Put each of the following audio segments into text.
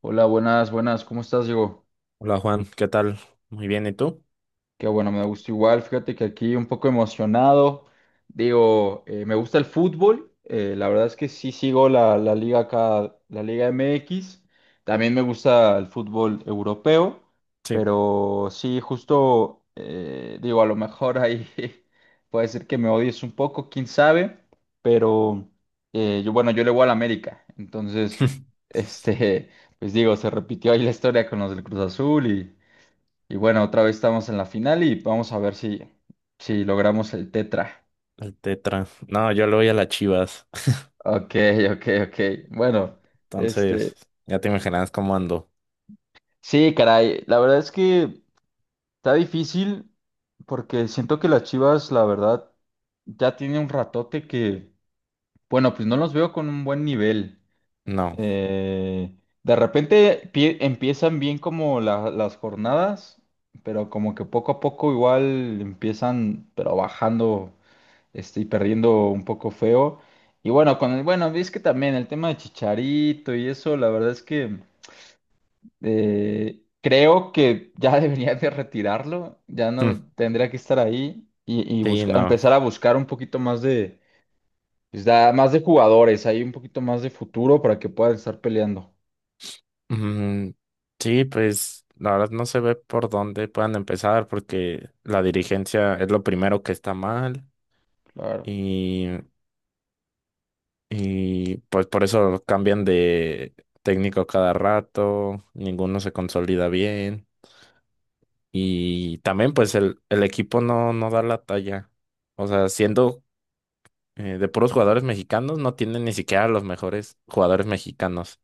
Hola, buenas, buenas, ¿cómo estás, Diego? Hola Juan, ¿qué tal? Muy bien, ¿y tú? Qué bueno, me gusta igual, fíjate que aquí un poco emocionado, digo, me gusta el fútbol, la verdad es que sí sigo la liga acá, la Liga MX, también me gusta el fútbol europeo, Sí, pero sí, justo, digo, a lo mejor ahí puede ser que me odies un poco, quién sabe, pero yo, bueno, yo le voy al América, entonces, este... Pues digo, se repitió ahí la historia con los del Cruz Azul y bueno, otra vez estamos en la final y vamos a ver si, si logramos el tetra. el Tetra. No, yo le voy a las Chivas. Ok, ok, ok. Bueno, Entonces, este, ya te imaginas cómo ando. sí, caray, la verdad es que está difícil porque siento que las Chivas, la verdad, ya tiene un ratote que, bueno, pues no los veo con un buen nivel. No. Eh, de repente empiezan bien como las jornadas, pero como que poco a poco igual empiezan, pero bajando. Y perdiendo un poco feo. Y bueno, con el, bueno, es que también el tema de Chicharito y eso, la verdad es que creo que ya debería de retirarlo, ya Mm, no tendría que estar ahí y sí, buscar, no. empezar a buscar un poquito más de, pues, más de jugadores, ahí un poquito más de futuro para que puedan estar peleando. Mm, sí, pues la verdad no se ve por dónde puedan empezar porque la dirigencia es lo primero que está mal Claro. y, y pues por eso cambian de técnico cada rato, ninguno se consolida bien. Y también pues el equipo no da la talla. O sea, siendo de puros jugadores mexicanos, no tienen ni siquiera los mejores jugadores mexicanos.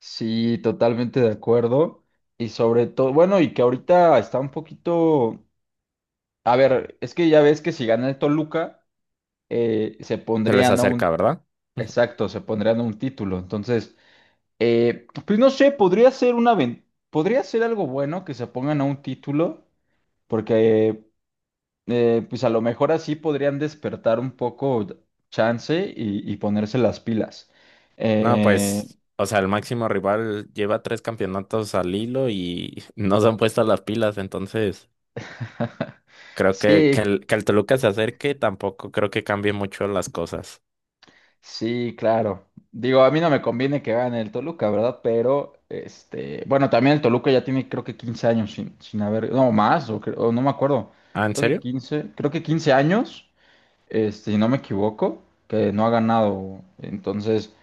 Sí, totalmente de acuerdo. Y sobre todo, bueno, y que ahorita está un poquito, a ver, es que ya ves que si gana el Toluca se Se les pondrían a acerca, un, ¿verdad? exacto, se pondrían a un título. Entonces, pues no sé, podría ser algo bueno que se pongan a un título, porque pues a lo mejor así podrían despertar un poco chance y ponerse las pilas. No, Eh, pues, o sea, el máximo rival lleva tres campeonatos al hilo y no se han puesto las pilas. Entonces creo que, que sí, el, que el Toluca se acerque tampoco creo que cambie mucho las cosas. Sí, claro. Digo, a mí no me conviene que gane el Toluca, ¿verdad? Pero, bueno, también el Toluca ya tiene creo que 15 años sin haber, no, más, o, o no me acuerdo, ¿Ah, en creo que serio? 15, creo que 15 años, si no me equivoco, que no ha ganado. Entonces,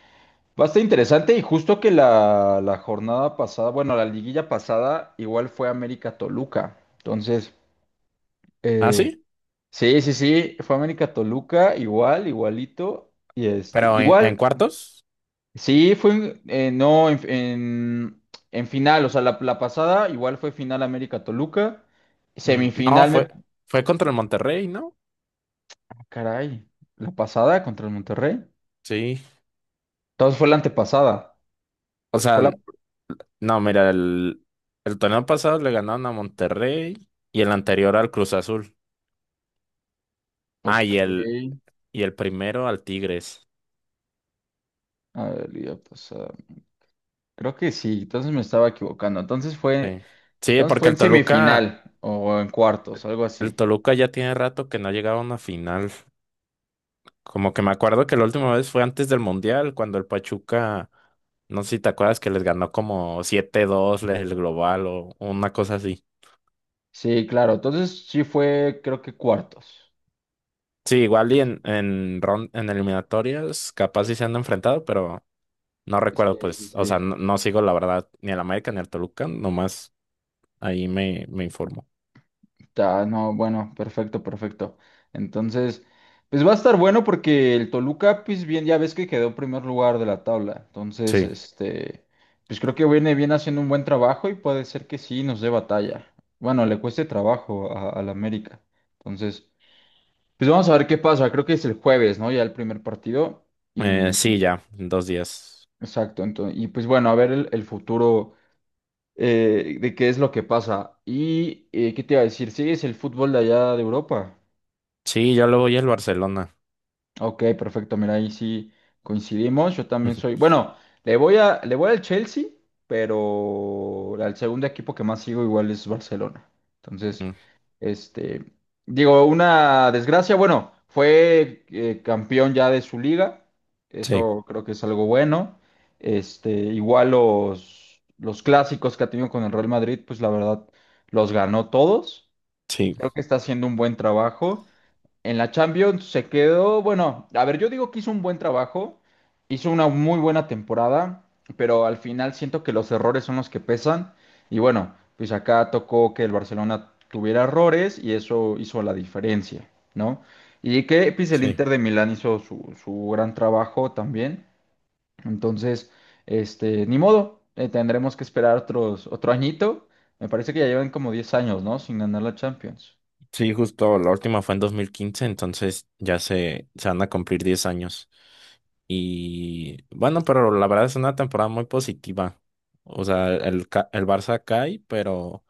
bastante interesante y justo que la jornada pasada, bueno, la liguilla pasada igual fue América Toluca. Entonces, ¿Ah, eh, sí? sí, sí, sí, fue América Toluca, igual, igualito. Y este, ¿Pero en, igual, cuartos? Sí, fue en- no en, en final, o sea, la pasada igual fue final América Toluca, Mm, no, semifinal me... fue, ah, fue contra el Monterrey, ¿no? Caray, la pasada contra el Monterrey. Sí. Entonces fue la antepasada. O Fue sea, la... no, mira, el, torneo pasado le ganaron a Monterrey y el anterior al Cruz Azul. Ah, y Ok. el, y el primero al Tigres. A ver, liga pasada. Creo que sí, entonces me estaba equivocando. Sí. Sí, Entonces fue porque en el Toluca, semifinal o en cuartos, algo el así. Toluca ya tiene rato que no ha llegado a una final. Como que me acuerdo que la última vez fue antes del Mundial, cuando el Pachuca, no sé si te acuerdas que les ganó como 7-2 el global o una cosa así. Sí, claro, entonces sí fue, creo que cuartos. Sí, igual y en eliminatorias capaz sí se han enfrentado, pero no Sí, recuerdo, sí, pues, o sea, sí. no sigo la verdad ni al América ni al Toluca, nomás ahí me informo. Ah, no, bueno, perfecto, perfecto. Entonces, pues va a estar bueno porque el Toluca, pues bien, ya ves que quedó en primer lugar de la tabla. Entonces, Sí, pues creo que viene bien haciendo un buen trabajo y puede ser que sí nos dé batalla. Bueno, le cueste trabajo al América. Entonces, pues vamos a ver qué pasa. Creo que es el jueves, ¿no? Ya el primer partido. Y, sí, ya, en 2 días. exacto, entonces, y pues bueno, a ver el futuro de qué es lo que pasa. Y, ¿qué te iba a decir? ¿Sigues el fútbol de allá de Europa? Sí, yo le voy al Barcelona. Ok, perfecto. Mira, ahí sí coincidimos. Yo también soy. Bueno, le voy al Chelsea, pero al segundo equipo que más sigo igual es Barcelona. Entonces, Mm, este, digo, una desgracia. Bueno, fue campeón ya de su liga. sí, Eso creo que es algo bueno. Este, igual los clásicos que ha tenido con el Real Madrid, pues la verdad, los ganó todos. sí, Creo que está haciendo un buen trabajo. En la Champions se quedó, bueno, a ver, yo digo que hizo un buen trabajo, hizo una muy buena temporada, pero al final siento que los errores son los que pesan. Y bueno, pues acá tocó que el Barcelona tuviera errores y eso hizo la diferencia, ¿no? Y que pues el sí. Inter de Milán hizo su gran trabajo también. Entonces, ni modo, tendremos que esperar otros, otro añito. Me parece que ya llevan como 10 años, ¿no? Sin ganar la Champions. Sí, justo la última fue en 2015, entonces ya se van a cumplir 10 años. Y bueno, pero la verdad es una temporada muy positiva. O sea, el Barça cae, pero,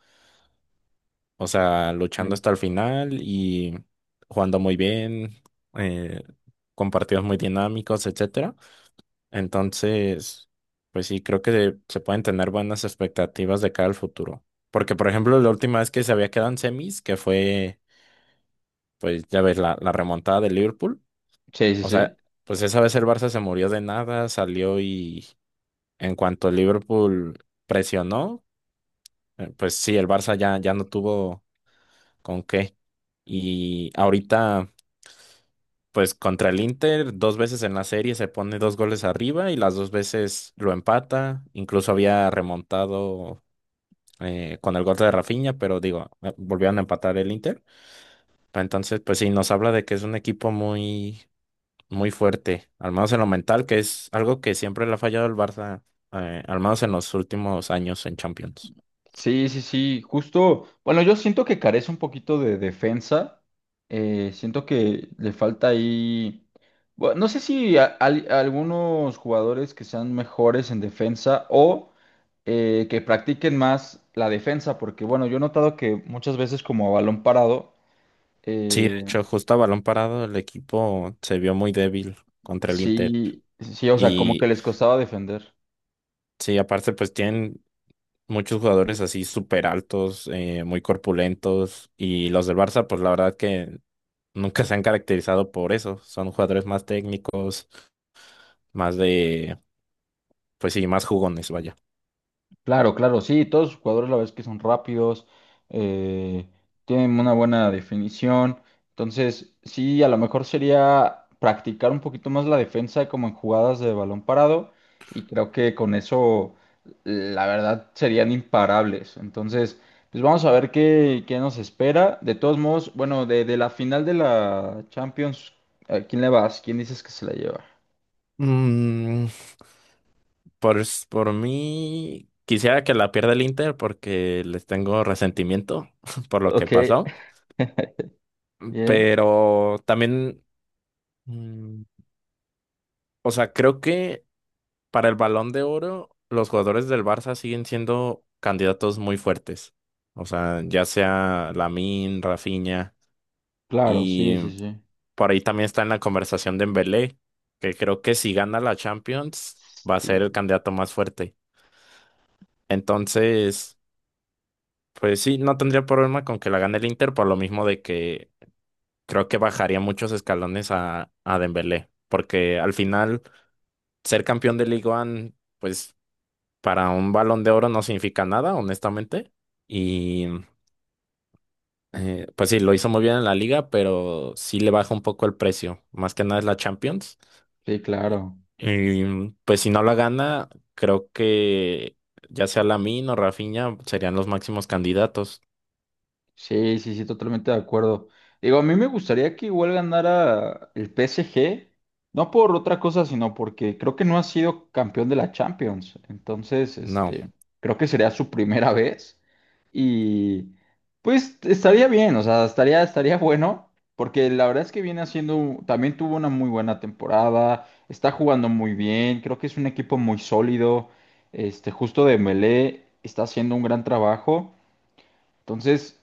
o sea, luchando Sí. hasta el final y jugando muy bien, eh, con partidos muy dinámicos, etcétera. Entonces, pues sí, creo que se pueden tener buenas expectativas de cara al futuro. Porque, por ejemplo, la última vez que se había quedado en semis, que fue, pues ya ves, la remontada de Liverpool. Sí, sí, O sea, sí. pues esa vez el Barça se murió de nada, salió y en cuanto Liverpool presionó, pues sí, el Barça ya no tuvo con qué. Y ahorita pues contra el Inter, dos veces en la serie se pone dos goles arriba y las dos veces lo empata. Incluso había remontado, con el gol de Rafinha, pero digo, volvieron a empatar el Inter. Entonces, pues sí, nos habla de que es un equipo muy, muy fuerte, al menos en lo mental, que es algo que siempre le ha fallado el Barça, al menos en los últimos años en Champions. Sí, sí, sí, justo. Bueno, yo siento que carece un poquito de defensa. Siento que le falta ahí. Bueno, no sé si algunos jugadores que sean mejores en defensa o que practiquen más la defensa, porque bueno, yo he notado que muchas veces como a balón parado, Sí, de eh, hecho, justo a balón parado el equipo se vio muy débil contra el Inter. sí, sí, o sea, como que Y les costaba defender. sí, aparte pues tienen muchos jugadores así súper altos, muy corpulentos. Y los del Barça pues la verdad que nunca se han caracterizado por eso. Son jugadores más técnicos, más de. Pues sí, más jugones, vaya. Claro, claro, sí, todos los jugadores la verdad es que son rápidos, eh, tienen una buena definición, entonces sí, a lo mejor sería practicar un poquito más la defensa como en jugadas de balón parado y creo que con eso la verdad serían imparables, entonces pues vamos a ver qué, qué nos espera, de todos modos, bueno, de la final de la Champions, ¿a quién le vas? ¿Quién dices que se la lleva? Mm, por mí, quisiera que la pierda el Inter porque les tengo resentimiento por lo que Ok. pasó. Bien, Pero también, mm, o sea, creo que para el Balón de Oro, los jugadores del Barça siguen siendo candidatos muy fuertes. O sea, ya sea Lamine, Rafinha claro, sí, y sí, sí, por ahí también está en la conversación de Dembélé, que creo que si gana la Champions va a ser el sí, candidato más fuerte. Entonces, pues sí, no tendría problema con que la gane el Inter, por lo mismo de que creo que bajaría muchos escalones a, Dembélé, porque al final ser campeón de Ligue 1, pues para un Balón de Oro no significa nada, honestamente. Y pues sí, lo hizo muy bien en la liga, pero sí le baja un poco el precio, más que nada es la Champions. sí, claro. Y pues si no la gana, creo que ya sea Lamine o Rafinha serían los máximos candidatos. Sí, sí, sí, totalmente de acuerdo. Digo, a mí me gustaría que igual ganara el PSG, no por otra cosa, sino porque creo que no ha sido campeón de la Champions. Entonces, No. Creo que sería su primera vez y pues estaría bien, o sea, estaría, estaría bueno, porque la verdad es que viene haciendo, también tuvo una muy buena temporada, está jugando muy bien, creo que es un equipo muy sólido, justo de Dembélé está haciendo un gran trabajo. Entonces,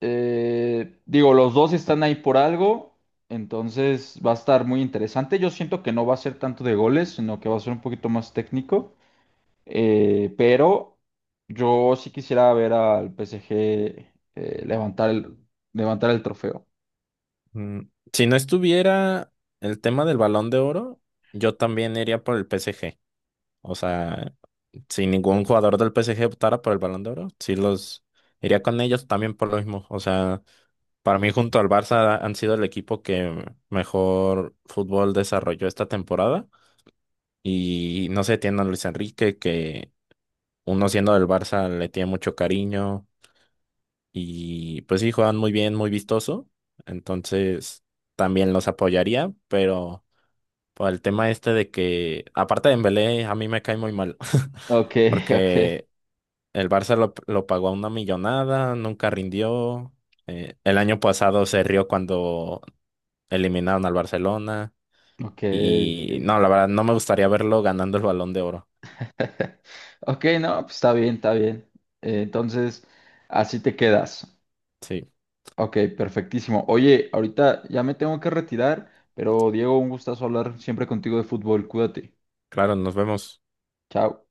digo, los dos están ahí por algo, entonces va a estar muy interesante. Yo siento que no va a ser tanto de goles, sino que va a ser un poquito más técnico. Pero yo sí quisiera ver al PSG eh, levantar el, levantar el trofeo. Mm, Si no estuviera el tema del Balón de Oro, yo también iría por el PSG. O sea, si ningún jugador del PSG optara por el Balón de Oro, sí los iría con ellos también por lo mismo. O sea, para mí junto al Barça han sido el equipo que mejor fútbol desarrolló esta temporada. Y no sé, tiene a Luis Enrique, que uno siendo del Barça le tiene mucho cariño. Y pues sí, juegan muy bien, muy vistoso. Entonces, también los apoyaría, pero... Por el tema este de que, aparte de Dembélé, a mí me cae muy mal. Ok, ok, Porque el Barça lo pagó a una millonada, nunca rindió. El año pasado se rió cuando eliminaron al Barcelona. ok. Y no, la verdad, no me gustaría verlo ganando el Balón de Oro. Ok, no, pues está bien, está bien. Entonces, así te quedas. Sí, Ok, perfectísimo. Oye, ahorita ya me tengo que retirar, pero Diego, un gustazo hablar siempre contigo de fútbol. Cuídate. claro, nos vemos. Chao.